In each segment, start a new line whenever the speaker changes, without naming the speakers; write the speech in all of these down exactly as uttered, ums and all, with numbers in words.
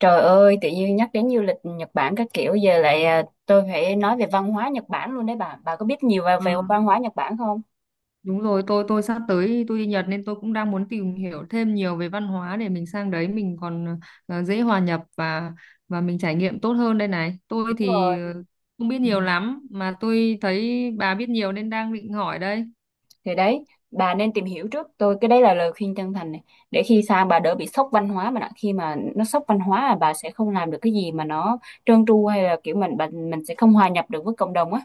Trời ơi, tự nhiên nhắc đến du lịch Nhật Bản các kiểu giờ lại à, tôi phải nói về văn hóa Nhật Bản luôn đấy bà. Bà có biết nhiều về,
Ờ,
về văn hóa Nhật Bản không?
đúng rồi tôi tôi sắp tới tôi đi Nhật nên tôi cũng đang muốn tìm hiểu thêm nhiều về văn hóa để mình sang đấy mình còn ờ, dễ hòa nhập và và mình trải nghiệm tốt hơn đây này tôi
Đúng rồi.
thì ờ, không biết
Ừ.
nhiều lắm mà tôi thấy bà biết nhiều nên đang định hỏi đây.
Thì đấy, bà nên tìm hiểu trước. Tôi cái đấy là lời khuyên chân thành này. Để khi sang bà đỡ bị sốc văn hóa mà đã. Khi mà nó sốc văn hóa là bà sẽ không làm được cái gì mà nó trơn tru, hay là kiểu mình mình mình sẽ không hòa nhập được với cộng đồng á.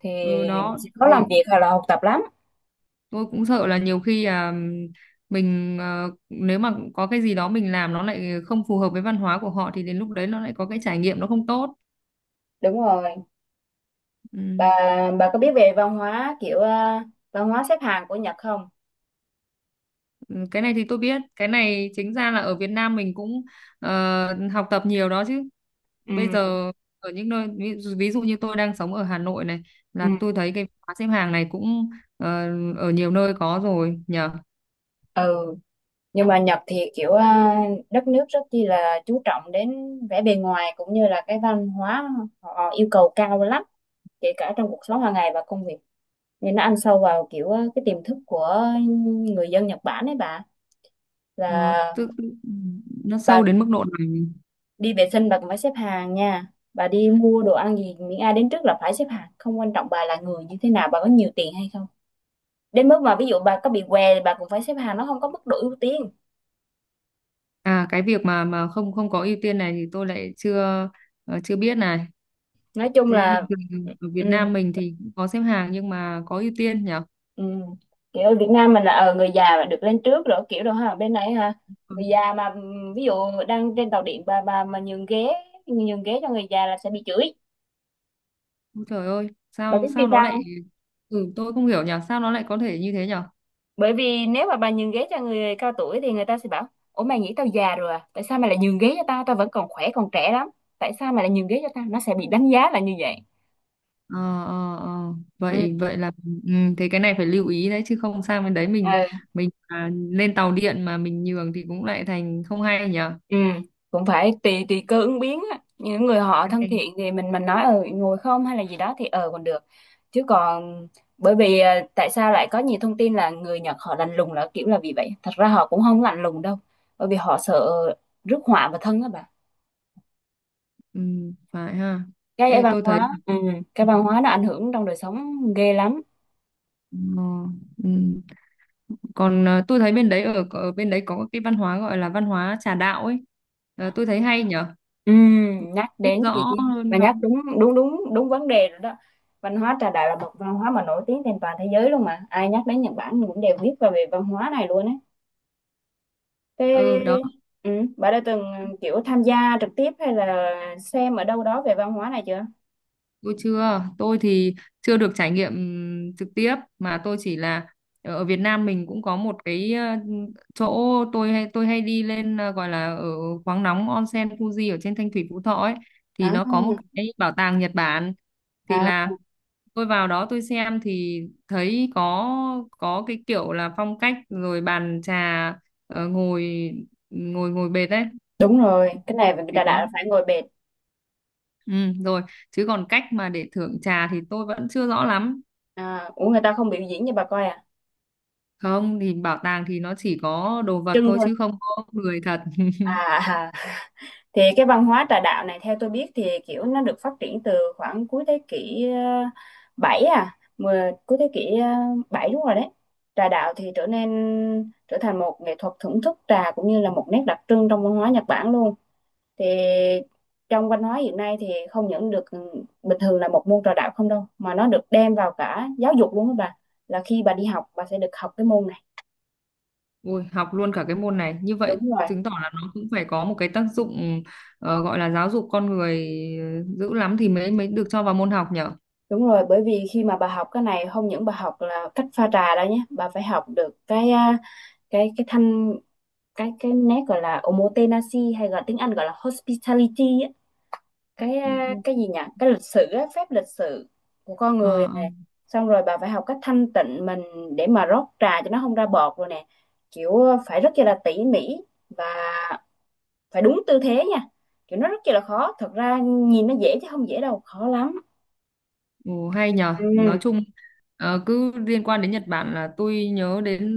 Thì
Ừ đó,
mình sẽ khó làm
thì
việc hoặc là học tập lắm.
tôi cũng sợ là nhiều khi là mình, ờ, nếu mà có cái gì đó mình làm nó lại không phù hợp với văn hóa của họ thì đến lúc đấy nó lại có cái trải nghiệm nó không tốt.
Đúng rồi.
Ừ.
Bà bà có biết về văn hóa kiểu à, văn hóa xếp hàng của Nhật không?
Cái này thì tôi biết, cái này chính ra là ở Việt Nam mình cũng ờ, học tập nhiều đó chứ. Bây
Ừ.
giờ ở những nơi ví, dụ- ví dụ như tôi đang sống ở Hà Nội này,
Ừ.
là tôi thấy cái khóa xếp hàng này cũng ờ, ở nhiều nơi có rồi nhờ.
ừ nhưng mà Nhật thì kiểu à, đất nước rất chi là chú trọng đến vẻ bề ngoài cũng như là cái văn hóa, họ yêu cầu cao lắm, kể cả trong cuộc sống hàng ngày và công việc, nên nó ăn sâu vào kiểu à, cái tiềm thức của người dân Nhật Bản ấy bà.
Nó
Là
tức nó sâu
bà
đến mức độ này.
đi vệ sinh bà cũng phải xếp hàng nha, bà đi mua đồ ăn gì miễn ai đến trước là phải xếp hàng, không quan trọng bà là người như thế nào, bà có nhiều tiền hay không, đến mức mà ví dụ bà có bị què thì bà cũng phải xếp hàng, nó không có mức độ ưu tiên.
À, cái việc mà mà không không có ưu tiên này thì tôi lại chưa, ờ, chưa biết này.
Nói chung
Thế
là
bình thường ở Việt
ừ,
Nam mình thì cũng có xếp hàng nhưng mà có ưu tiên nhỉ?
ừ. Kiểu ở Việt Nam mình là ờ, người già là được lên trước rồi, kiểu đó ha, bên này ha, người già mà ừm, ví dụ đang trên tàu điện, bà bà mà nhường ghế, nhường ghế cho người già là sẽ bị chửi.
Ôi Trời ơi,
Bà
sao
biết vì
sao nó
sao
lại
không?
ừ tôi không hiểu nhỉ, sao nó lại có thể như thế nhỉ?
Bởi vì nếu mà bà nhường ghế cho người cao tuổi thì người ta sẽ bảo ủa, mày nghĩ tao già rồi à, tại sao mày lại nhường ghế cho tao, tao vẫn còn khỏe còn trẻ lắm, tại sao mày lại nhường ghế cho tao? Nó sẽ bị đánh giá là như vậy.
Ờ ờ ờ vậy vậy là ừ, thế cái này phải lưu ý đấy chứ không sang bên đấy mình
Ừ.
mình à, lên tàu điện mà mình nhường thì cũng lại thành không hay nhỉ.
Ừ, cũng phải tùy tùy cơ ứng biến á. Những người họ
Cái
thân
này
thiện thì mình mình nói ờ ngồi không hay là gì đó thì ờ còn được. Chứ còn bởi vì ờ, tại sao lại có nhiều thông tin là người Nhật họ lạnh lùng là kiểu là vì vậy. Thật ra họ cũng không lạnh lùng đâu. Bởi vì họ sợ rước họa vào thân á bà.
ừ, phải ha.
Cái
Ê
văn
tôi thấy
hóa,
là-
ừ, cái
ừ,
văn hóa nó ảnh hưởng trong đời sống ghê lắm.
ờ, ừ. Còn à, tôi thấy bên đấy ở ở bên đấy có cái văn hóa gọi là văn hóa trà đạo ấy. Ờ, tôi thấy hay nhỉ,
Ừm, nhắc
biết
đến gì
rõ
chứ mà
hơn
nhắc
không?
đúng đúng đúng đúng vấn đề rồi đó. Văn hóa trà đạo là một văn hóa mà nổi tiếng trên toàn thế giới luôn, mà ai nhắc đến Nhật Bản thì cũng đều biết về về văn hóa này luôn á. Thế
Ừ đó.
ừ, bà đã từng kiểu tham gia trực tiếp hay là xem ở đâu đó về văn hóa này chưa?
Tôi chưa, tôi thì chưa được trải nghiệm trực tiếp mà tôi chỉ là ở Việt Nam mình cũng có một cái ờ, chỗ tôi hay tôi hay đi lên, ờ, gọi là ở khoáng nóng onsen Fuji ở trên Thanh Thủy Phú Thọ ấy, thì
à,
nó có một cái bảo tàng Nhật Bản, thì
à
là tôi vào đó tôi xem thì thấy có có cái kiểu là phong cách rồi bàn trà, ờ, ngồi ngồi ngồi bệt ấy
Đúng rồi, cái này
thì
trà
có
đạo là phải ngồi bệt.
ừ, rồi chứ còn cách mà để thưởng trà thì tôi vẫn chưa rõ lắm.
À, ủa, người ta không biểu diễn cho bà coi à?
Không, thì bảo tàng thì nó chỉ có đồ vật
Trưng
thôi
thôi.
chứ không có người thật.
À, thì cái văn hóa trà đạo này theo tôi biết thì kiểu nó được phát triển từ khoảng cuối thế kỷ ờ, bảy, à mười- cuối thế kỷ ờ, bảy, đúng rồi đấy. Trà đạo thì trở nên trở thành một nghệ thuật thưởng thức trà cũng như là một nét đặc trưng trong văn hóa Nhật Bản luôn. Thì trong văn hóa hiện nay thì không những được ừ, bình thường là một môn trà đạo không đâu, mà nó được đem vào cả giáo dục luôn các bà. Là khi bà đi học bà sẽ được học cái môn này.
Ui học luôn cả cái môn này như vậy,
Đúng rồi.
chứng tỏ là nó cũng phải có một cái tác dụng ờ, gọi là giáo dục con người ờ, dữ lắm thì mới mới được cho vào môn học nhở.
Đúng rồi, bởi vì khi mà bà học cái này không những bà học là cách pha trà đó nhé, bà phải học được cái à, cái cái thanh, cái cái nét gọi là omotenashi, hay gọi tiếng Anh gọi là hospitality á, cái à,
Ừ.
cái gì nhỉ? Cái lịch sử á, phép lịch sự của con
Ờ,
người
ờ.
nè. Xong rồi bà phải học cách thanh tịnh mình để mà rót trà cho nó không ra bọt rồi nè. Kiểu à, phải rất là tỉ mỉ và phải đúng tư thế nha. Kiểu nó rất là khó, thật ra nhìn nó dễ chứ không dễ đâu, khó lắm.
Ồ, hay nhở, nói
Ừ.
chung ờ, cứ liên quan đến Nhật Bản là tôi nhớ đến,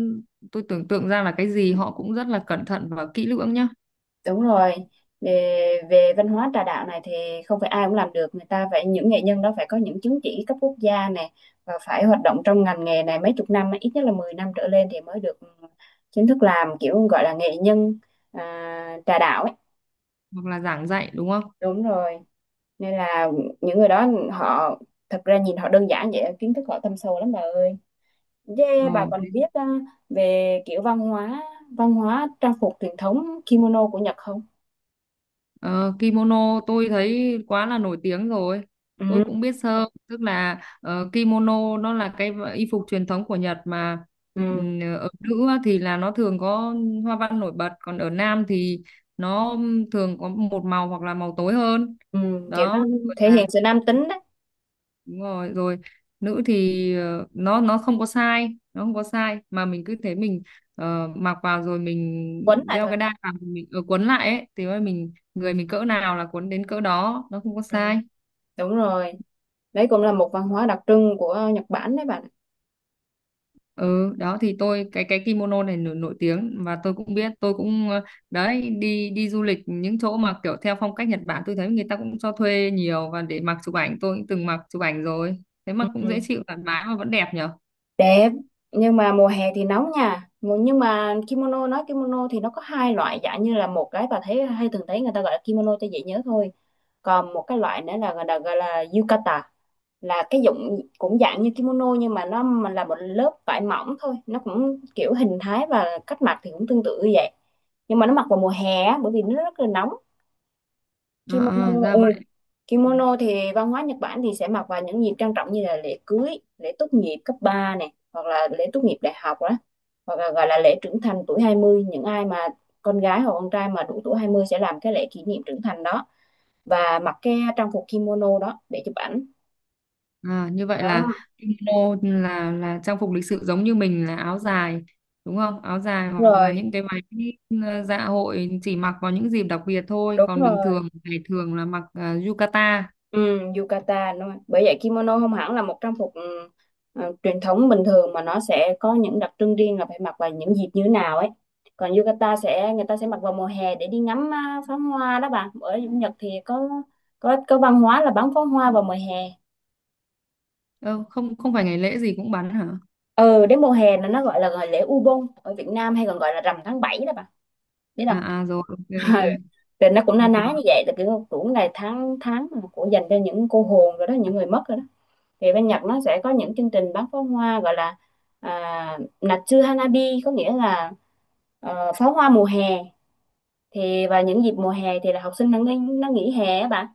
tôi tưởng tượng ra là cái gì họ cũng rất là cẩn thận và kỹ lưỡng nhá.
Đúng rồi, về, về văn hóa trà đạo này thì không phải ai cũng làm được, người ta phải những nghệ nhân đó phải có những chứng chỉ cấp quốc gia này, và phải hoạt động trong ngành nghề này mấy chục năm, ít nhất là mười năm trở lên thì mới được ừ, chính thức làm kiểu gọi là nghệ nhân à, trà đạo ấy.
Hoặc là giảng dạy đúng không.
Đúng rồi, nên là những người đó họ, thật ra nhìn họ đơn giản vậy, kiến thức họ thâm sâu lắm bà ơi. Yeah, bà
Ờ,
còn biết à, về kiểu văn hóa, văn hóa trang phục truyền thống kimono của Nhật không?
Ờ, kimono tôi thấy quá là nổi tiếng rồi.
Ừ.
Tôi cũng biết sơ, tức là ờ, kimono nó là cái v- y phục truyền thống của Nhật mà
Ừ.
ừm, ở nữ á thì là nó thường có hoa văn nổi bật, còn ở nam thì nó thường có một màu hoặc là màu tối hơn.
Ừ, kiểu nó
Đó, rồi
thể
là
hiện sự nam tính đấy.
đúng rồi rồi, nữ thì ờ, nó nó không có sai nó không có sai mà mình cứ thế mình, ờ, mặc vào rồi
Quấn
mình
lại
đeo
thôi.
cái đai vào mình, ờ, quấn lại ấy thì mà mình người mình cỡ nào là quấn đến cỡ đó nó không có
Ừm,
sai.
đúng rồi, đấy cũng là một văn hóa đặc trưng của Nhật Bản đấy bạn.
Ừ đó, thì tôi cái cái kimono này nổi, nổi tiếng và tôi cũng biết tôi cũng ờ, đấy đi đi du lịch những chỗ mà kiểu theo phong cách Nhật Bản tôi thấy người ta cũng cho thuê nhiều và để mặc chụp ảnh tôi cũng từng mặc chụp ảnh rồi, thế mà cũng dễ
Ừm,
chịu thoải mái mà vẫn đẹp nhở.
đẹp, nhưng mà mùa hè thì nóng nha. Mùa- nhưng mà kimono, nói kimono thì nó có hai loại, dạng như là một cái bà thấy hay thường thấy người ta gọi là kimono cho dễ nhớ thôi, còn một cái loại nữa là gọi là, gọi là yukata, là cái dụng cũng dạng như kimono nhưng mà nó mà là một lớp vải mỏng thôi, nó cũng kiểu hình thái và cách mặc thì cũng tương tự như vậy, nhưng mà nó mặc vào mùa hè á, bởi vì nó rất là nóng.
À, à,
Kimono,
ra
ừ.
vậy.
Kimono thì văn hóa Nhật Bản thì sẽ mặc vào những dịp trang trọng như là lễ cưới, lễ tốt nghiệp cấp ba này, hoặc là lễ tốt nghiệp đại học đó, hoặc là gọi là lễ trưởng thành tuổi hai mươi, những ai mà con gái hoặc con trai mà đủ tuổi hai mươi sẽ làm cái lễ kỷ niệm trưởng thành đó và mặc cái trang phục kimono đó để chụp ảnh.
À, như vậy là
Đó,
kimono là là trang phục lịch sự giống như mình là áo dài đúng không? Áo dài
đúng
hoặc là
rồi,
những cái váy ờ, dạ hội chỉ mặc vào những dịp đặc biệt thôi,
đúng
còn bình
rồi.
thường ngày thường là mặc ờ, yukata.
Ừ, yukata đúng rồi. Bởi vậy kimono không hẳn là một trang phục ừ, ờ, truyền thống bình thường, mà nó sẽ có những đặc trưng riêng là phải mặc vào những dịp như thế nào ấy. Còn yukata sẽ người ta sẽ mặc vào mùa hè để đi ngắm à, pháo hoa đó bà. Ở Nhật thì có có có văn hóa là bắn pháo hoa vào mùa hè.
Ờ, không không phải ngày lễ gì cũng bắn hả?
Ừ, đến mùa hè là nó gọi là gọi lễ Ubon, ở Việt Nam hay còn gọi là rằm tháng bảy đó bà. Biết không?
À à rồi, ok ok.
Thì nó cũng na
Hay quá.
ná như vậy, là kiểu cũng là tháng tháng mà của dành cho những cô hồn rồi đó, những người mất rồi đó. Thì bên Nhật nó sẽ có những chương trình bắn pháo hoa gọi là à, Natsu Hanabi, có nghĩa là ờ, pháo hoa mùa hè. Thì vào những dịp mùa hè thì là học sinh nó nghỉ, nó nghỉ hè á bạn.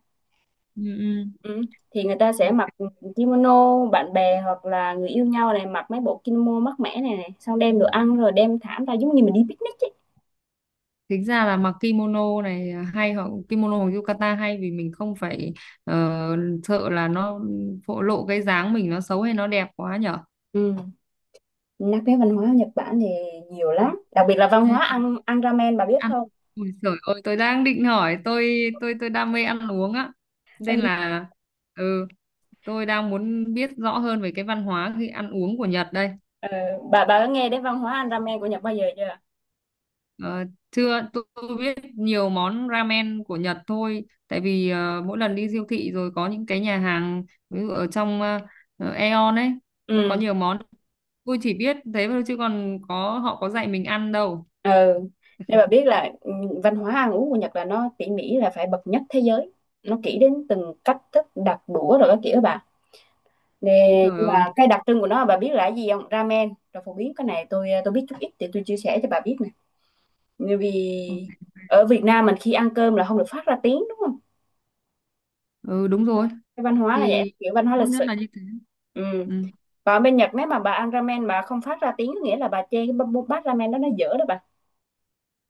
Ừ, ừ.
Ừ. Thì người ta sẽ
Ok.
mặc kimono, bạn bè hoặc là người yêu nhau này mặc mấy bộ kimono mát mẻ này, này xong đem đồ ăn rồi đem thảm ra giống như mình đi picnic ấy.
Tính ra là mặc kimono này à, hay hoặc kimono hoặc yukata hay vì mình không phải ờ, sợ là nó phô lộ cái dáng mình nó xấu hay nó đẹp quá nhở.
Ừ. Nhắc đến văn hóa Nhật Bản thì nhiều
Ờ,
lắm, đặc biệt là văn
thế
hóa ăn ăn ramen, bà biết
ăn
không?
ui giời ơi tôi đang định hỏi tôi tôi tôi đam mê ăn uống á
Ừ.
nên là ừ tôi đang muốn biết rõ hơn về cái văn hóa khi ăn uống của Nhật đây.
Ờ, bà bà có nghe đến văn hóa ăn ramen của Nhật bao giờ chưa?
Ờ, chưa tôi, tôi biết nhiều món ramen của Nhật thôi tại vì ờ, mỗi lần đi siêu thị rồi có những cái nhà hàng ví dụ ở trong uh, Aeon ấy, nó có
Ừ
nhiều món tôi chỉ biết thế thôi chứ còn có họ có dạy mình ăn đâu.
ừ. Nên bà biết là ừ, văn hóa ăn uống của Nhật là nó tỉ mỉ là phải bậc nhất thế giới, nó kỹ đến từng cách thức đặt đũa rồi các kiểu đó bà. Nè,
Úi trời
nhưng mà
ơi.
cái đặc trưng của nó bà biết là cái gì không? Ramen rồi phổ biến, cái này tôi tôi biết chút ít thì tôi chia sẻ cho bà biết nè. Bởi vì ở Việt Nam mình khi ăn cơm là không được phát ra tiếng đúng không?
Ừ đúng rồi,
Cái văn hóa là vậy,
thì
kiểu văn hóa
tốt
lịch sự.
nhất là như thế.
Ừ.
Ừ.
Còn bên Nhật nếu mà bà ăn ramen bà không phát ra tiếng có nghĩa là bà chê cái bát bát ramen đó nó dở đó bà.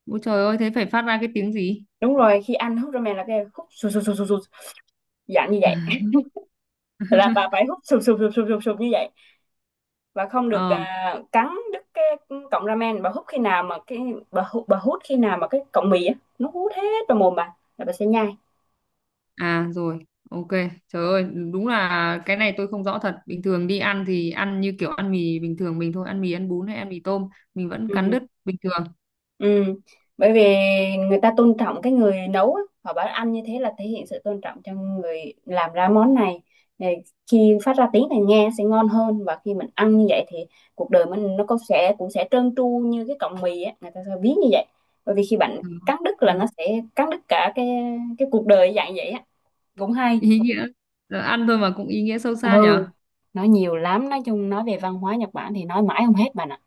Ôi trời ơi thế phải phát ra cái tiếng gì?
Đúng rồi, khi ăn hút ramen là cái hút sù sù sù sù sù, dạng như vậy, là bà phải hút sụp sụp sụp sụp sụp sụp như vậy, và không được
Ờ
à, cắn đứt cái cọng ramen. Bà hút khi nào mà cái bà hút bà hút khi nào mà cái cọng mì á nó hút hết vào mồm bà là bà sẽ nhai.
à rồi ok trời ơi đúng là cái này tôi không rõ thật, bình thường đi ăn thì ăn như kiểu ăn mì bình thường mình thôi, ăn mì ăn bún hay ăn mì tôm mình vẫn
Ừ.
cắn đứt bình thường.
Ừ, bởi vì người ta tôn trọng cái người nấu á, họ bảo ăn như thế là thể hiện sự tôn trọng cho người làm ra món này, để khi phát ra tiếng này nghe sẽ ngon hơn, và khi mình ăn như vậy thì cuộc đời mình nó cũng sẽ cũng sẽ trơn tru như cái cọng mì á, người ta sẽ ví như vậy. Bởi vì khi bạn
Ừ.
cắn đứt
Ừ.
là nó sẽ cắn đứt cả cái cái cuộc đời dạng vậy á, cũng hay.
Ý nghĩa. Ờ, ăn thôi mà cũng ý nghĩa sâu xa
Ừ,
nhở.
nói nhiều lắm, nói chung nói về văn hóa Nhật Bản thì nói mãi không hết bạn ạ.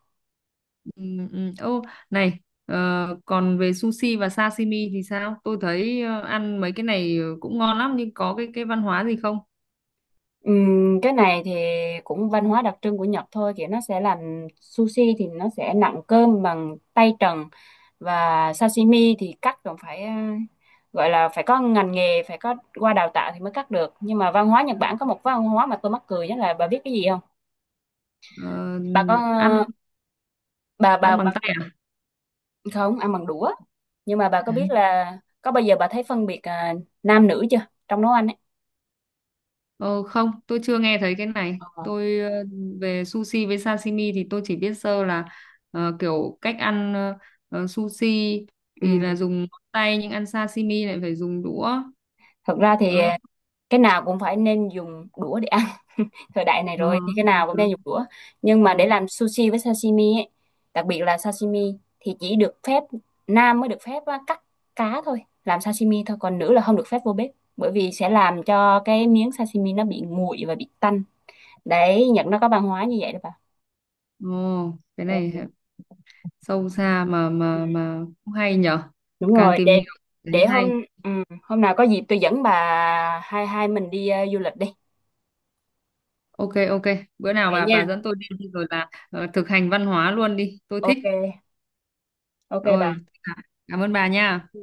Ừ, ừ. Ô này, ờ, còn về sushi và sashimi thì sao, tôi thấy ờ, ăn mấy cái này cũng ngon lắm nhưng có cái cái văn hóa gì không?
Ừm, cái này thì cũng văn hóa đặc trưng của Nhật thôi, kiểu nó sẽ làm sushi thì nó sẽ nặn cơm bằng tay trần, và sashimi thì cắt còn phải ờ, gọi là phải có ngành nghề, phải có qua đào tạo thì mới cắt được. Nhưng mà văn hóa Nhật Bản có một văn hóa mà tôi mắc cười nhất là bà biết cái gì không?
Ờ,
Bà có
ăn
bà bà
ăn bằng
bà
tay à.
không ăn bằng đũa, nhưng mà bà có biết là có bao giờ bà thấy phân biệt à, nam nữ chưa, trong nấu ăn ấy?
ờ, Không tôi chưa nghe thấy cái này
Ờ.
tôi, ờ, về sushi với sashimi thì tôi chỉ biết sơ là ờ, kiểu cách ăn ờ, ờ, sushi thì
Ừm,
là dùng ngón tay nhưng ăn sashimi lại phải dùng đũa
thật ra thì
đó.
cái nào cũng phải nên dùng đũa để ăn, thời đại này
Ờ,
rồi thì cái
ờ,
nào cũng
ờ.
nên dùng đũa. Nhưng mà
Ừ.
để làm sushi với sashimi ấy, đặc biệt là sashimi thì chỉ được phép, nam mới được phép á, cắt cá thôi, làm sashimi thôi, còn nữ là không được phép vô bếp, bởi vì sẽ làm cho cái miếng sashimi nó bị nguội và bị tanh. Đấy, Nhật nó có văn hóa như vậy đó bà.
Ồ, cái
Ồ,
này sâu xa mà mà
ừ,
mà cũng hay nhở,
đúng
càng
rồi.
tìm
để
hiểu thấy
để hôm
hay.
ừ, hôm nào có dịp tôi dẫn bà hai hai mình đi ờ, du lịch đi.
Ok ok, bữa nào
Vậy
bà
nha.
bà dẫn tôi đi đi rồi là ờ, thực hành văn hóa luôn đi tôi thích.
Ok ok bà.
Rồi, cảm ơn bà nha.
Ừ.